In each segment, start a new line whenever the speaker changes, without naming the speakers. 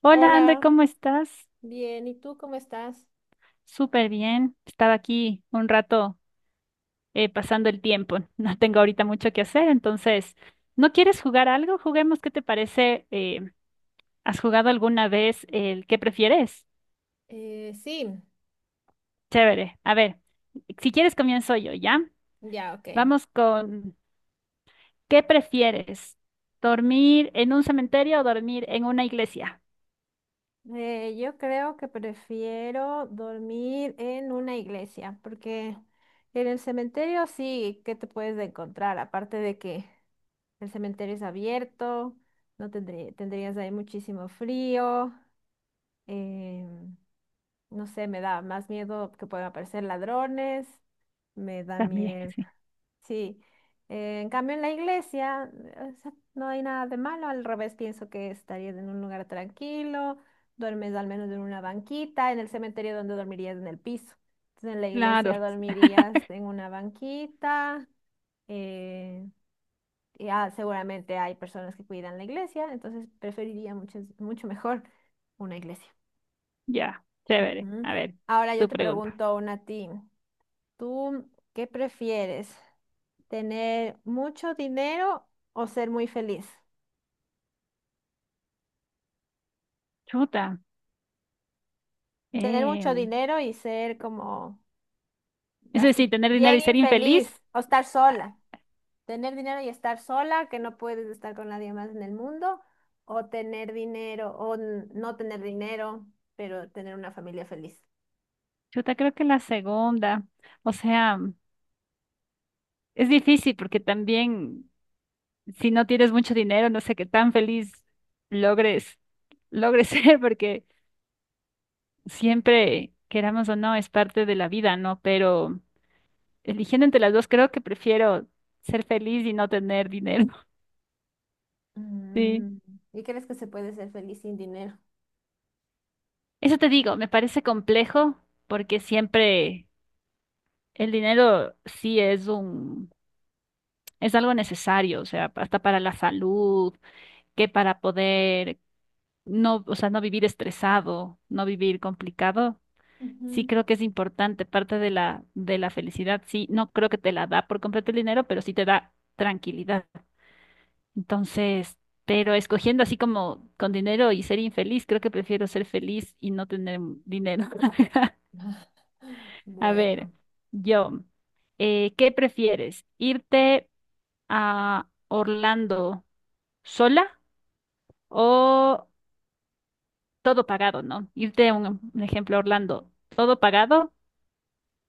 Hola, André,
Hola,
¿cómo estás?
bien, ¿y tú cómo estás?
Súper bien. Estaba aquí un rato pasando el tiempo. No tengo ahorita mucho que hacer, entonces, ¿no quieres jugar algo? Juguemos, ¿qué te parece? ¿Has jugado alguna vez el qué prefieres?
Sí,
Chévere. A ver, si quieres comienzo yo, ¿ya?
ya, ok.
Vamos con ¿qué prefieres? ¿Dormir en un cementerio o dormir en una iglesia?
Yo creo que prefiero dormir en una iglesia, porque en el cementerio sí, ¿qué te puedes encontrar? Aparte de que el cementerio es abierto, no tendrí- tendrías ahí muchísimo frío, eh, no sé, me da más miedo que puedan aparecer ladrones, me da
También,
miedo.
sí.
Sí, en cambio en la iglesia, o sea, no hay nada de malo, al revés pienso que estarías en un lugar tranquilo, duermes al menos en una banquita, en el cementerio donde dormirías en el piso. Entonces en la
Claro,
iglesia dormirías en una banquita, eh, y, ah, seguramente hay personas que cuidan la iglesia, entonces preferiría mucho, mucho mejor una iglesia.
ya, chévere.
Ujú.
A ver,
Ahora yo
tu
te
pregunta.
pregunto una a ti. ¿Tú qué prefieres? ¿Tener mucho dinero o ser muy feliz?
Chuta.
Tener mucho
em,
dinero y ser como
Es
así
decir, tener dinero
bien
y ser
infeliz
infeliz.
o estar sola. Tener dinero y estar sola, que no puedes estar con nadie más en el mundo, o tener dinero o no tener dinero, pero tener una familia feliz.
Chuta, creo que la segunda. O sea, es difícil porque también si no tienes mucho dinero, no sé qué tan feliz logres, logres ser, porque siempre, queramos o no, es parte de la vida, ¿no? Pero eligiendo entre las dos, creo que prefiero ser feliz y no tener dinero. Sí.
Mm, ¿y crees que se puede ser feliz sin dinero?
Eso te digo, me parece complejo porque siempre el dinero sí es un, es algo necesario, o sea, hasta para la salud que para poder no, o sea, no vivir estresado, no vivir complicado, sí
Ujú.
creo que es importante, parte de la felicidad, sí, no creo que te la da por completo el dinero, pero sí te da tranquilidad. Entonces, pero escogiendo así como con dinero y ser infeliz, creo que prefiero ser feliz y no tener dinero. A ver,
Bueno.
yo, ¿qué prefieres? ¿Irte a Orlando sola o todo pagado, ¿no? Irte a un ejemplo a Orlando, todo pagado,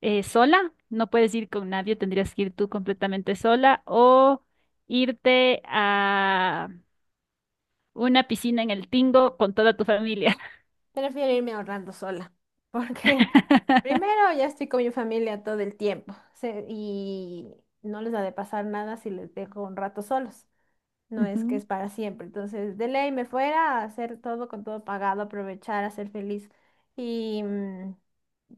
sola, no puedes ir con nadie, tendrías que ir tú completamente sola o irte a una piscina en el Tingo con toda tu familia.
Prefiero irme ahorrando sola, porque primero ya estoy con mi familia todo el tiempo y no les ha de pasar nada si les dejo un rato solos, no es que
Ujú,
es para siempre. Entonces, de ley me fuera a hacer todo con todo pagado, aprovechar, a ser feliz. Y mm,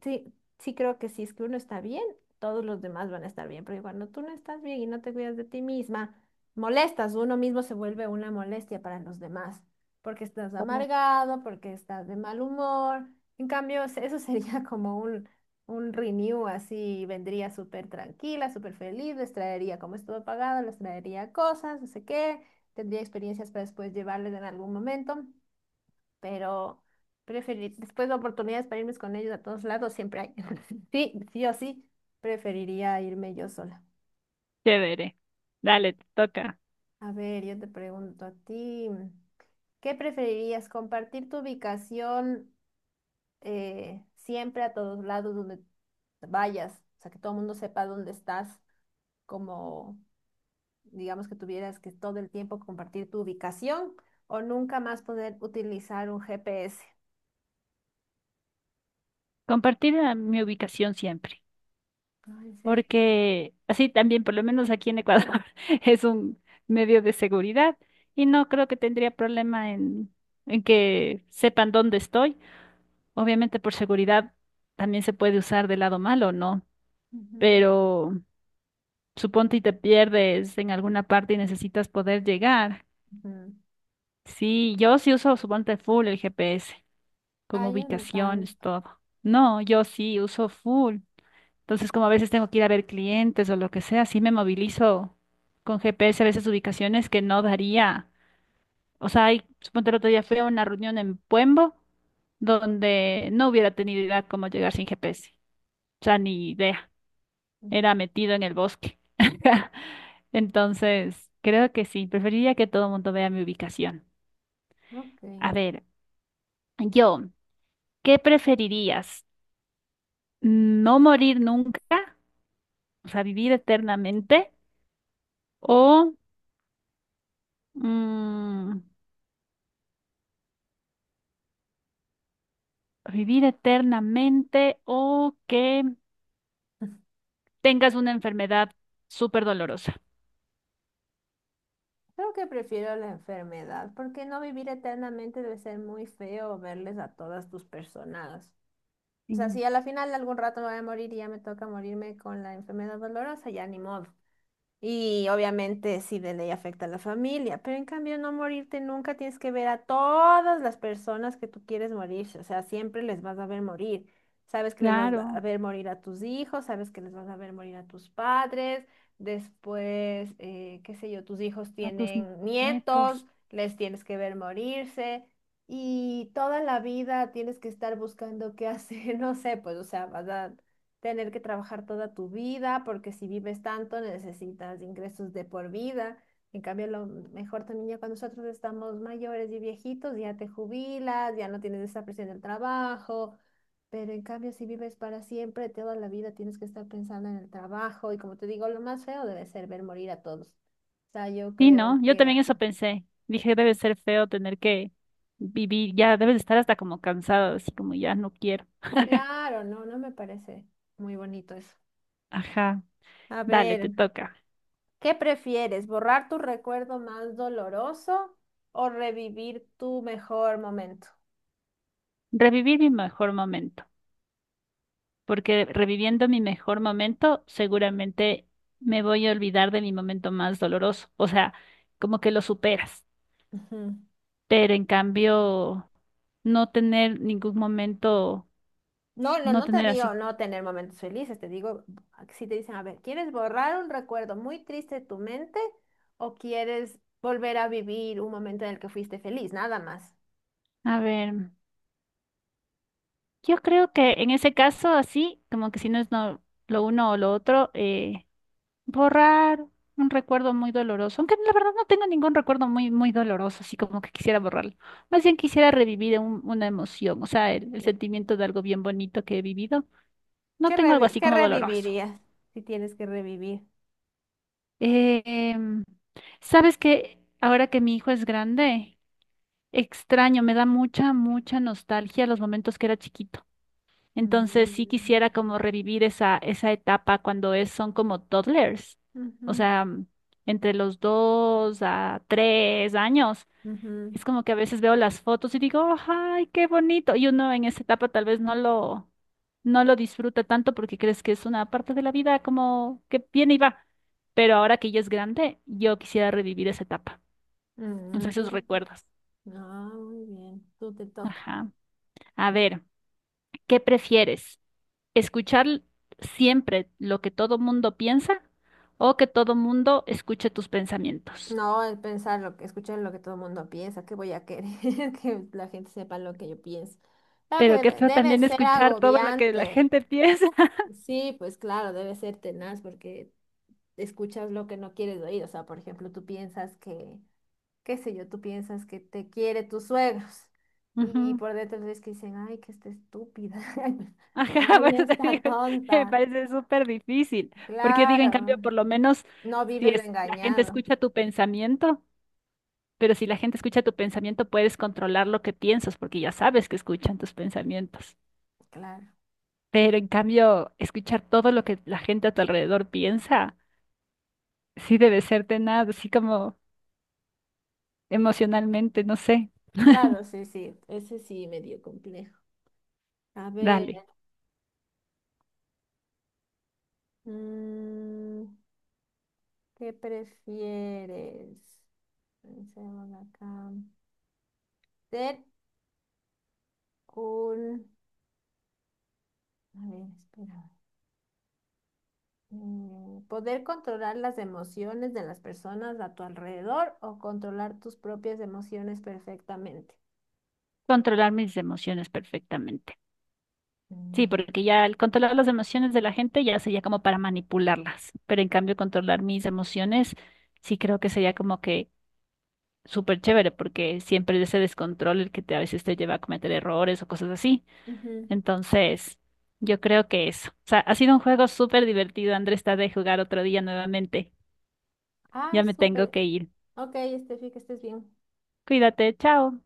sí, sí creo que si es que uno está bien, todos los demás van a estar bien. Porque cuando tú no estás bien y no te cuidas de ti misma, molestas, uno mismo se vuelve una molestia para los demás. Porque estás amargado, porque estás de mal humor. En cambio, eso sería como un renew así, vendría súper tranquila, súper feliz, les traería, como es todo pagado, les traería cosas, no sé qué, tendría experiencias para después llevarles en algún momento, pero preferir, después de oportunidades para irme con ellos a todos lados siempre hay. Sí, sí o sí, preferiría irme yo sola.
chévere. Dale, te toca.
A ver, yo te pregunto a ti, ¿qué preferirías? ¿Compartir tu ubicación, siempre a todos lados donde vayas? O sea, que todo el mundo sepa dónde estás, como, digamos que tuvieras que todo el tiempo compartir tu ubicación o nunca más poder utilizar un GPS.
Compartir mi ubicación siempre,
Ah, ¿en serio?
porque así también, por lo menos aquí en Ecuador, es un medio de seguridad y no creo que tendría problema en que sepan dónde estoy. Obviamente por seguridad también se puede usar del lado malo, ¿no?
Ujú,
Pero suponte y te pierdes en alguna parte y necesitas poder llegar.
ujú.
Sí, yo sí uso, suponte full el GPS, con
Ah, yo no tanto.
ubicaciones, todo. No, yo sí uso full. Entonces, como a veces tengo que ir a ver clientes o lo que sea, sí me movilizo con GPS a veces ubicaciones que no daría. O sea, hay, suponte el otro día fui a una reunión en Puembo donde no hubiera tenido idea cómo llegar sin GPS. O sea, ni idea.
Ujú.
Era metido en el bosque. Entonces, creo que sí, preferiría que todo el mundo vea mi ubicación.
Ok.
A ver, yo, ¿qué preferirías? ¿No morir nunca? O sea, vivir eternamente o mm, vivir eternamente o que tengas una enfermedad súper dolorosa.
Creo que prefiero la enfermedad, porque no vivir eternamente debe ser muy feo verles a todas tus personas. O sea,
Sí,
si a la final algún rato me voy a morir y ya me toca morirme con la enfermedad dolorosa, ya ni modo. Y obviamente sí de ley afecta a la familia, pero en cambio no morirte nunca tienes que ver a todas las personas que tú quieres morirse, o sea, siempre les vas a ver morir. Sabes que les vas a
claro,
ver morir a tus hijos, sabes que les vas a ver morir a tus padres, después, qué sé yo, tus hijos
a tus
tienen nietos,
nietos.
les tienes que ver morirse y toda la vida tienes que estar buscando qué hacer, no sé, pues, o sea, vas a tener que trabajar toda tu vida, porque si vives tanto necesitas ingresos de por vida. En cambio, lo mejor también ya cuando nosotros estamos mayores y viejitos, ya te jubilas, ya no tienes esa presión del trabajo, pero en cambio si vives para siempre, toda la vida tienes que estar pensando en el trabajo y como te digo, lo más feo debe ser ver morir a todos. O sea, yo
Sí,
creo
¿no? Yo
que,
también eso pensé. Dije, debe ser feo tener que vivir, ya debes estar hasta como cansado, así como ya no quiero.
claro, no, no me parece muy bonito eso.
Ajá,
A
dale, te
ver.
toca.
¿Qué prefieres, borrar tu recuerdo más doloroso o revivir tu mejor momento?
Revivir mi mejor momento, porque reviviendo mi mejor momento, seguramente me voy a olvidar de mi momento más doloroso. O sea, como que lo superas.
Ujú.
Pero en cambio, no tener ningún momento,
No, no,
no
no te
tener
digo
así.
no tener momentos felices, te digo, si te dicen, a ver, ¿quieres borrar un recuerdo muy triste de tu mente o quieres volver a vivir un momento en el que fuiste feliz? Nada más.
A ver. Yo creo que en ese caso, así, como que si no es lo uno o lo otro, borrar un recuerdo muy doloroso, aunque la verdad no tengo ningún recuerdo muy, muy doloroso, así como que quisiera borrarlo. Más bien quisiera revivir una emoción, o sea, el sentimiento de algo bien bonito que he vivido. No tengo algo así
¿Qué
como doloroso.
revivirías si tienes que revivir?
Eh, em, ¿Sabes que ahora que mi hijo es grande, extraño, me da mucha, mucha nostalgia los momentos que era chiquito? Entonces sí quisiera
Mm,
como revivir esa, esa etapa cuando es, son como toddlers. O
ujú,
sea, entre los 2 a 3 años.
ujú,
Es como que a veces veo las fotos y digo, ¡ay, qué bonito! Y uno en esa etapa tal vez no lo, no lo disfruta tanto porque crees que es una parte de la vida como que viene y va. Pero ahora que ya es grande, yo quisiera revivir esa etapa. O sea, esos
mm.
recuerdos.
Ah, muy bien, tú te toca.
Ajá. A ver, ¿qué prefieres? Escuchar siempre lo que todo mundo piensa o que todo mundo escuche tus pensamientos.
No, el pensar lo que, escuchar lo que todo el mundo piensa, ¿qué voy a querer que la gente sepa lo que yo pienso? Claro que
Pero qué
debe,
feo
debe
también
ser
escuchar todo lo que la
agobiante.
gente piensa.
Sí, pues claro, debe ser tenaz porque escuchas lo que no quieres oír. O sea, por ejemplo, tú piensas que, qué sé yo, tú piensas que te quiere tus suegros y
Ujú.
por dentro ves que dicen, ay, que está estúpida,
Ajá, por
ay,
eso te
está
digo, me
tonta.
parece súper difícil, porque yo digo, en
Claro,
cambio, por lo menos
no
si
vives
es la gente
engañado.
escucha tu pensamiento, pero si la gente escucha tu pensamiento, puedes controlar lo que piensas, porque ya sabes que escuchan tus pensamientos.
Claro,
Pero en cambio, escuchar todo lo que la gente a tu alrededor piensa, sí debe ser tenaz, así como emocionalmente, no sé,
claro, sí, sí, ese sí medio complejo. A ver,
dale.
mm, ¿qué prefieres? Pensemos acá. Ser un... A ver, espera. Mm, ¿poder controlar las emociones de las personas a tu alrededor o controlar tus propias emociones perfectamente?
Controlar mis emociones perfectamente. Sí,
Mm.
porque ya al controlar las emociones de la gente ya sería como para manipularlas, pero en cambio controlar mis emociones sí creo que sería como que súper chévere, porque siempre es ese descontrol el que te, a veces te lleva a cometer errores o cosas así.
Ujú.
Entonces, yo creo que eso. O sea, ha sido un juego súper divertido, Andrés, está de jugar otro día nuevamente.
Ah,
Ya me tengo
súper.
que ir.
Ok, Estefi, que estés bien.
Cuídate, chao.